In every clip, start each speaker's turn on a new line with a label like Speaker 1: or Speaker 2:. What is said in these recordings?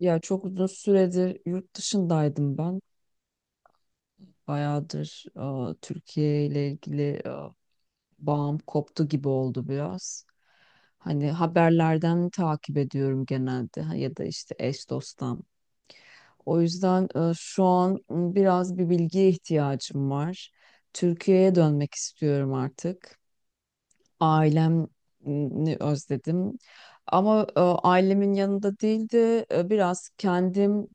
Speaker 1: Ya çok uzun süredir yurt dışındaydım ben. Bayağıdır Türkiye ile ilgili bağım koptu gibi oldu biraz. Hani haberlerden takip ediyorum genelde ha, ya da işte eş dosttan. O yüzden şu an biraz bir bilgiye ihtiyacım var. Türkiye'ye dönmek istiyorum artık. Ailemi özledim. Ama ailemin yanında değil de biraz kendim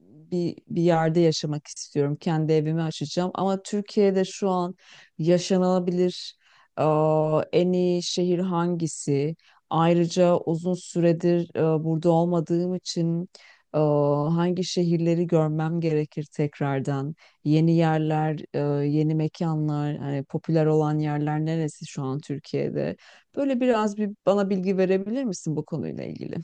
Speaker 1: bir yerde yaşamak istiyorum. Kendi evimi açacağım. Ama Türkiye'de şu an yaşanılabilir e, en iyi şehir hangisi? Ayrıca uzun süredir burada olmadığım için e, hangi şehirleri görmem gerekir tekrardan? Yeni yerler, yeni mekanlar, hani popüler olan yerler neresi şu an Türkiye'de? Böyle biraz bir bana bilgi verebilir misin bu konuyla ilgili?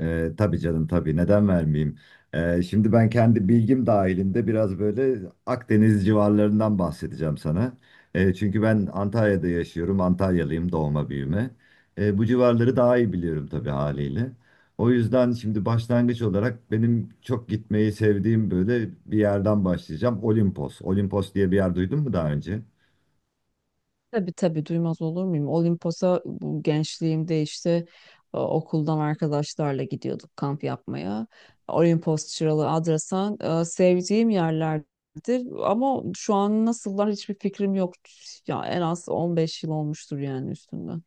Speaker 2: Tabii canım tabii neden vermeyeyim? Şimdi ben kendi bilgim dahilinde biraz böyle Akdeniz civarlarından bahsedeceğim sana. Çünkü ben Antalya'da yaşıyorum. Antalyalıyım doğma büyüme. Bu civarları daha iyi biliyorum tabii haliyle. O yüzden şimdi başlangıç olarak benim çok gitmeyi sevdiğim böyle bir yerden başlayacağım. Olimpos. Olimpos diye bir yer duydun mu daha önce?
Speaker 1: Tabii, tabii, duymaz olur muyum? Olimpos'a bu gençliğimde işte okuldan arkadaşlarla gidiyorduk kamp yapmaya. Olimpos, Çıralı, Adrasan sevdiğim yerlerdir. Ama şu an nasıllar hiçbir fikrim yok. Ya en az 15 yıl olmuştur yani üstünden.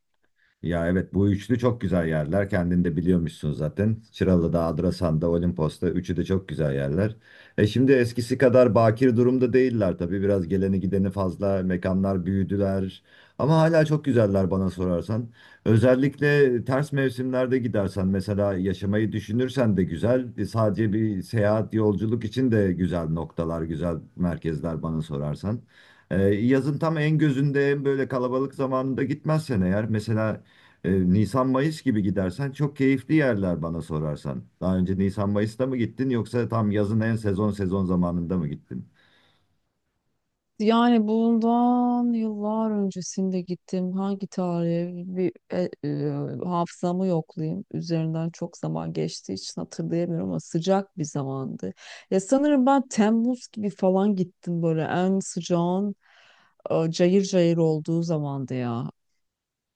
Speaker 2: Ya evet, bu üçlü çok güzel yerler. Kendin de biliyormuşsun zaten. Çıralı'da, Adrasan'da, Olimpos'ta üçü de çok güzel yerler. Şimdi eskisi kadar bakir durumda değiller tabii. Biraz geleni gideni fazla, mekanlar büyüdüler. Ama hala çok güzeller bana sorarsan. Özellikle ters mevsimlerde gidersen mesela yaşamayı düşünürsen de güzel. Sadece bir seyahat, yolculuk için de güzel noktalar, güzel merkezler bana sorarsan. Yazın tam en gözünde en böyle kalabalık zamanında gitmezsen eğer mesela Nisan-Mayıs gibi gidersen çok keyifli yerler bana sorarsan. Daha önce Nisan-Mayıs'ta mı gittin yoksa tam yazın en sezon sezon zamanında mı gittin?
Speaker 1: Yani bundan yıllar öncesinde gittim. Hangi tarihe bir hafızamı yoklayayım. Üzerinden çok zaman geçtiği için hatırlayamıyorum ama sıcak bir zamandı. Ya sanırım ben Temmuz gibi falan gittim, böyle en sıcağın cayır cayır olduğu zamandı ya.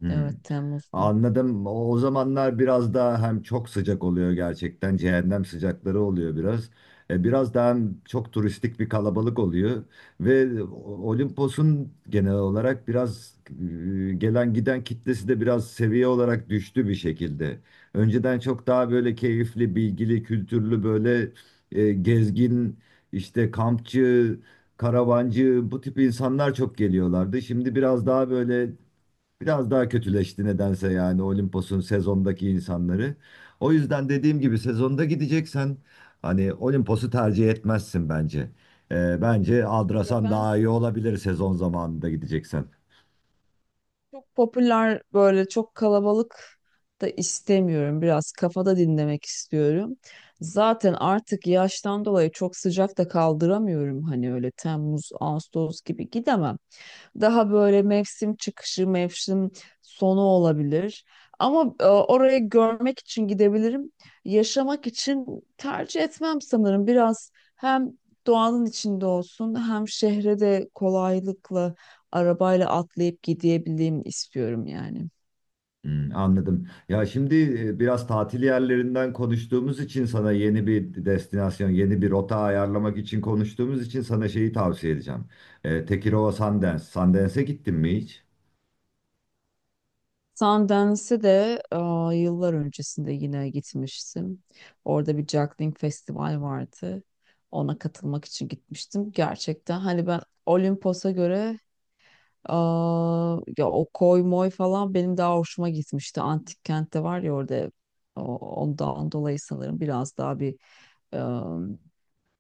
Speaker 2: Hmm.
Speaker 1: Evet, Temmuz'da.
Speaker 2: Anladım. O zamanlar biraz daha hem çok sıcak oluyor gerçekten. Cehennem sıcakları oluyor biraz. Biraz daha hem çok turistik bir kalabalık oluyor. Ve o- Olimpos'un genel olarak biraz gelen giden kitlesi de biraz seviye olarak düştü bir şekilde. Önceden çok daha böyle keyifli, bilgili, kültürlü böyle gezgin, işte kampçı, karavancı bu tip insanlar çok geliyorlardı. Şimdi biraz daha böyle biraz daha kötüleşti nedense yani Olimpos'un sezondaki insanları. O yüzden dediğim gibi sezonda gideceksen hani Olimpos'u tercih etmezsin bence. Bence
Speaker 1: Ya
Speaker 2: Adrasan
Speaker 1: ben
Speaker 2: daha iyi olabilir sezon zamanında gideceksen.
Speaker 1: çok popüler, böyle çok kalabalık da istemiyorum. Biraz kafada dinlemek istiyorum. Zaten artık yaştan dolayı çok sıcak da kaldıramıyorum. Hani öyle Temmuz, Ağustos gibi gidemem. Daha böyle mevsim çıkışı, mevsim sonu olabilir. Ama orayı görmek için gidebilirim. Yaşamak için tercih etmem sanırım. Biraz hem doğanın içinde olsun hem şehre de kolaylıkla arabayla atlayıp gidebileyim istiyorum yani.
Speaker 2: Hmm, anladım. Ya şimdi biraz tatil yerlerinden konuştuğumuz için sana yeni bir destinasyon, yeni bir rota ayarlamak için konuştuğumuz için sana şeyi tavsiye edeceğim. Tekirova Sundance. Sundance'e gittin mi hiç?
Speaker 1: Sundance'e de yıllar öncesinde yine gitmiştim. Orada bir juggling festival vardı. Ona katılmak için gitmiştim. Gerçekten hani ben, Olimpos'a göre, aa, ya o koy moy falan benim daha hoşuma gitmişti. Antik kentte var ya orada, o- ondan dolayı sanırım biraz daha bir em,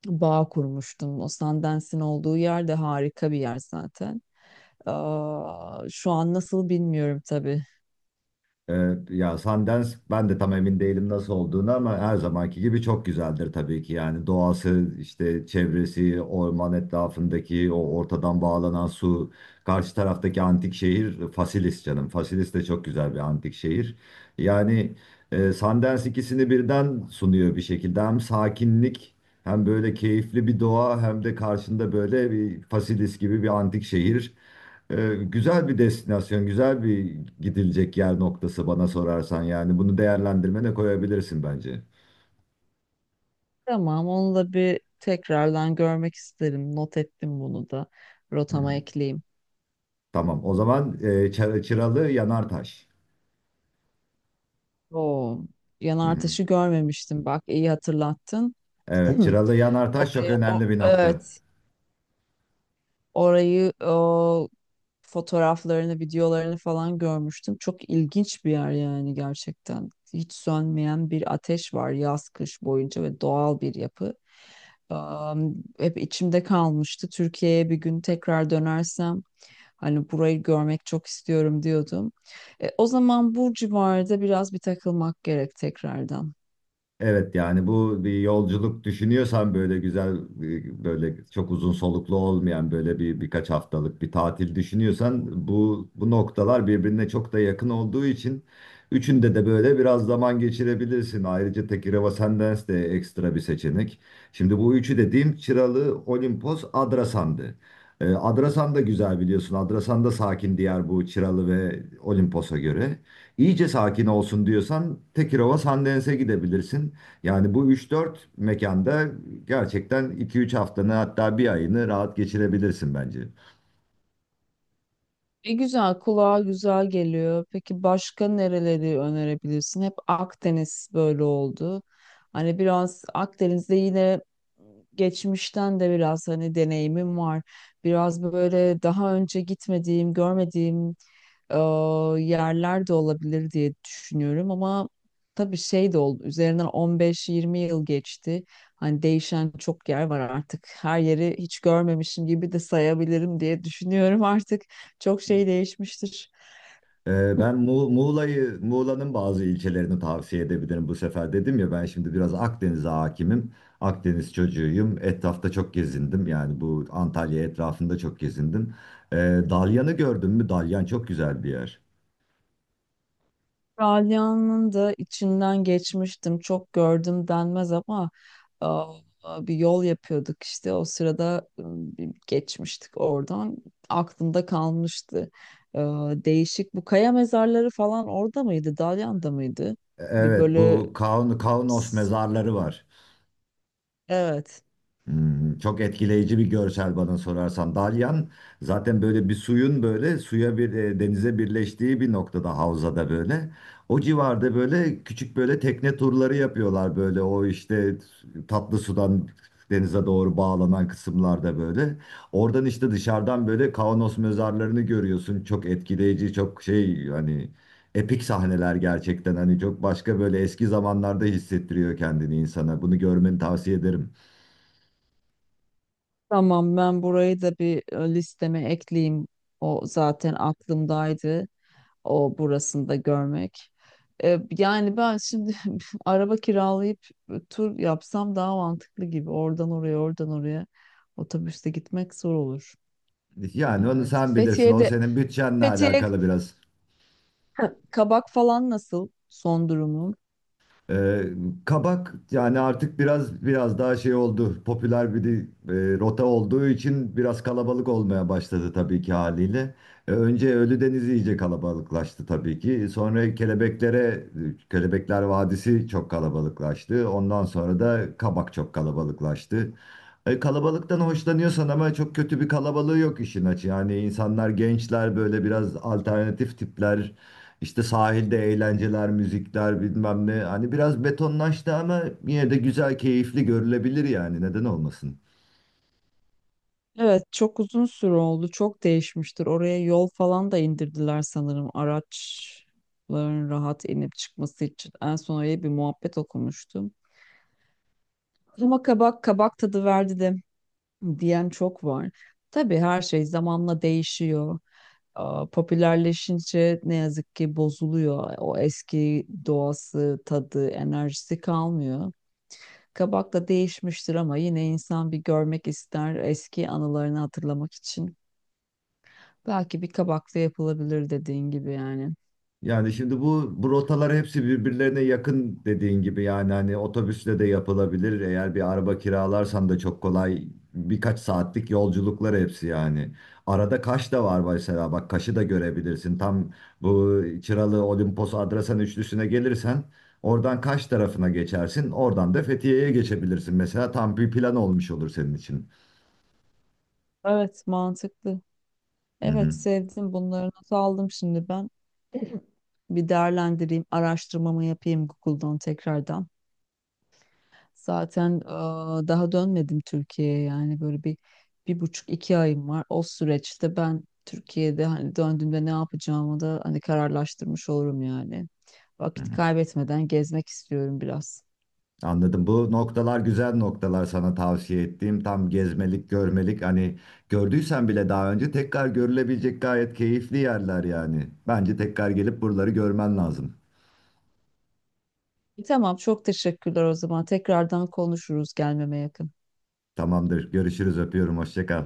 Speaker 1: bağ kurmuştum. O Sundance'in olduğu yer de harika bir yer zaten. Aa, şu an nasıl bilmiyorum tabii.
Speaker 2: Ya Sundance ben de tam emin değilim nasıl olduğunu ama her zamanki gibi çok güzeldir tabii ki. Yani doğası, işte çevresi, orman etrafındaki o ortadan bağlanan su, karşı taraftaki antik şehir Fasilis canım. Fasilis de çok güzel bir antik şehir. Yani Sundance ikisini birden sunuyor bir şekilde. Hem sakinlik hem böyle keyifli bir doğa hem de karşında böyle bir Fasilis gibi bir antik şehir. Güzel bir destinasyon, güzel bir gidilecek yer noktası bana sorarsan yani bunu değerlendirmene koyabilirsin bence.
Speaker 1: Tamam, onu da bir tekrardan görmek isterim. Not ettim bunu da.
Speaker 2: Hı.
Speaker 1: Rotama ekleyeyim.
Speaker 2: Tamam, o zaman Çıralı Yanartaş.
Speaker 1: Oo,
Speaker 2: Hı
Speaker 1: yanar
Speaker 2: hı.
Speaker 1: taşı görmemiştim. Bak, iyi hatırlattın.
Speaker 2: Evet, Çıralı Yanartaş çok
Speaker 1: Oraya, o,
Speaker 2: önemli bir nokta.
Speaker 1: evet, orayı, o fotoğraflarını, videolarını falan görmüştüm. Çok ilginç bir yer yani gerçekten. Hiç sönmeyen bir ateş var yaz kış boyunca ve doğal bir yapı. Hep içimde kalmıştı. Türkiye'ye bir gün tekrar dönersem hani burayı görmek çok istiyorum diyordum. E, o zaman bu civarda biraz bir takılmak gerek tekrardan.
Speaker 2: Evet yani bu bir yolculuk düşünüyorsan böyle güzel böyle çok uzun soluklu olmayan böyle bir birkaç haftalık bir tatil düşünüyorsan bu noktalar birbirine çok da yakın olduğu için üçünde de böyle biraz zaman geçirebilirsin. Ayrıca Tekireva Sendens de ekstra bir seçenek. Şimdi bu üçü dediğim Çıralı, Olimpos, Adrasan'dı. E, Adrasan da güzel biliyorsun. Adrasan da sakin diğer bu Çıralı ve Olimpos'a göre. İyice sakin olsun diyorsan Tekirova Sandens'e gidebilirsin. Yani bu üç dört mekanda gerçekten 2-3 haftanı hatta bir ayını rahat geçirebilirsin bence.
Speaker 1: E güzel, kulağa güzel geliyor. Peki başka nereleri önerebilirsin? Hep Akdeniz böyle oldu. Hani biraz Akdeniz'de yine geçmişten de biraz hani deneyimim var. Biraz böyle daha önce gitmediğim, görmediğim e, yerler de olabilir diye düşünüyorum ama tabii şey de oldu, üzerinden 15-20 yıl geçti. Hani değişen çok yer var artık. Her yeri hiç görmemişim gibi de sayabilirim diye düşünüyorum artık. Çok şey değişmiştir.
Speaker 2: Ben Muğla'yı, Muğla'nın bazı ilçelerini tavsiye edebilirim bu sefer. Dedim ya ben şimdi biraz Akdeniz'e hakimim. Akdeniz çocuğuyum. Etrafta çok gezindim. Yani bu Antalya etrafında çok gezindim. Ee, Dalyan'ı gördün mü? Dalyan çok güzel bir yer.
Speaker 1: Ralya'nın da içinden geçmiştim. Çok gördüm denmez ama e, bir yol yapıyorduk işte. O sırada bir geçmiştik oradan. Aklımda kalmıştı. E, değişik. Bu kaya mezarları falan orada mıydı? Dalyan'da mıydı? Bir
Speaker 2: Evet,
Speaker 1: böyle
Speaker 2: bu Kaun, Kaunos
Speaker 1: s-
Speaker 2: mezarları var.
Speaker 1: evet.
Speaker 2: Hmm, çok etkileyici bir görsel bana sorarsan. Dalyan zaten böyle bir suyun böyle suya bir denize birleştiği bir noktada havzada böyle. O civarda böyle küçük böyle tekne turları yapıyorlar böyle o işte tatlı sudan denize doğru bağlanan kısımlarda böyle. Oradan işte dışarıdan böyle Kaunos mezarlarını görüyorsun. Çok etkileyici, çok şey hani epik sahneler gerçekten hani çok başka böyle eski zamanlarda hissettiriyor kendini insana. Bunu görmeni tavsiye ederim.
Speaker 1: Tamam, ben burayı da bir listeme ekleyeyim. O zaten aklımdaydı, o burasında görmek. E, yani ben şimdi araba kiralayıp tur yapsam daha mantıklı gibi. Oradan oraya, oradan oraya otobüste gitmek zor olur.
Speaker 2: Yani onu
Speaker 1: Evet.
Speaker 2: sen bilirsin. O senin bütçenle
Speaker 1: Fethiye
Speaker 2: alakalı biraz.
Speaker 1: Kabak falan nasıl, son durumu?
Speaker 2: Ee, kabak yani artık biraz biraz daha şey oldu. Popüler bir rota olduğu için biraz kalabalık olmaya başladı tabii ki haliyle. Önce Ölüdeniz iyice kalabalıklaştı tabii ki. Sonra Kelebekler Vadisi çok kalabalıklaştı. Ondan sonra da kabak çok kalabalıklaştı. Kalabalıktan hoşlanıyorsan ama çok kötü bir kalabalığı yok işin açığı. Yani insanlar gençler böyle biraz alternatif tipler, İşte sahilde eğlenceler, müzikler bilmem ne. Hani biraz betonlaştı ama yine de güzel, keyifli görülebilir yani. Neden olmasın?
Speaker 1: Evet, çok uzun süre oldu. Çok değişmiştir. Oraya yol falan da indirdiler sanırım, araçların rahat inip çıkması için. En son öyle bir muhabbet okumuştum. Ama kabak kabak tadı verdi diyen çok var. Tabii her şey zamanla değişiyor. Aa, popülerleşince ne yazık ki bozuluyor. O eski doğası, tadı, enerjisi kalmıyor. Kabak da değişmiştir ama yine insan bir görmek ister eski anılarını hatırlamak için. Belki bir kabakla yapılabilir dediğin gibi yani.
Speaker 2: Yani şimdi bu rotalar hepsi birbirlerine yakın dediğin gibi yani hani otobüsle de yapılabilir. Eğer bir araba kiralarsan da çok kolay, birkaç saatlik yolculuklar hepsi yani. Arada Kaş da var mesela, bak Kaş'ı da görebilirsin. Tam bu Çıralı Olimpos Adrasan üçlüsüne gelirsen oradan Kaş tarafına geçersin. Oradan da Fethiye'ye geçebilirsin mesela, tam bir plan olmuş olur senin için.
Speaker 1: Evet, mantıklı.
Speaker 2: Hı
Speaker 1: Evet,
Speaker 2: hı.
Speaker 1: sevdim, bunları not aldım şimdi ben. Bir değerlendireyim, araştırmamı yapayım Google'dan tekrardan. Zaten daha dönmedim Türkiye'ye, yani böyle bir, bir buçuk iki ayım var. O süreçte ben Türkiye'de hani döndüğümde ne yapacağımı da hani kararlaştırmış olurum yani.
Speaker 2: Hı
Speaker 1: Vakit
Speaker 2: hı.
Speaker 1: kaybetmeden gezmek istiyorum biraz.
Speaker 2: Anladım. Bu noktalar güzel noktalar sana tavsiye ettiğim. Tam gezmelik, görmelik. Hani gördüysen bile daha önce tekrar görülebilecek gayet keyifli yerler yani. Bence tekrar gelip buraları görmen lazım.
Speaker 1: Tamam, çok teşekkürler o zaman. Tekrardan konuşuruz gelmeme yakın.
Speaker 2: Tamamdır. Görüşürüz. Öpüyorum. Hoşça kal.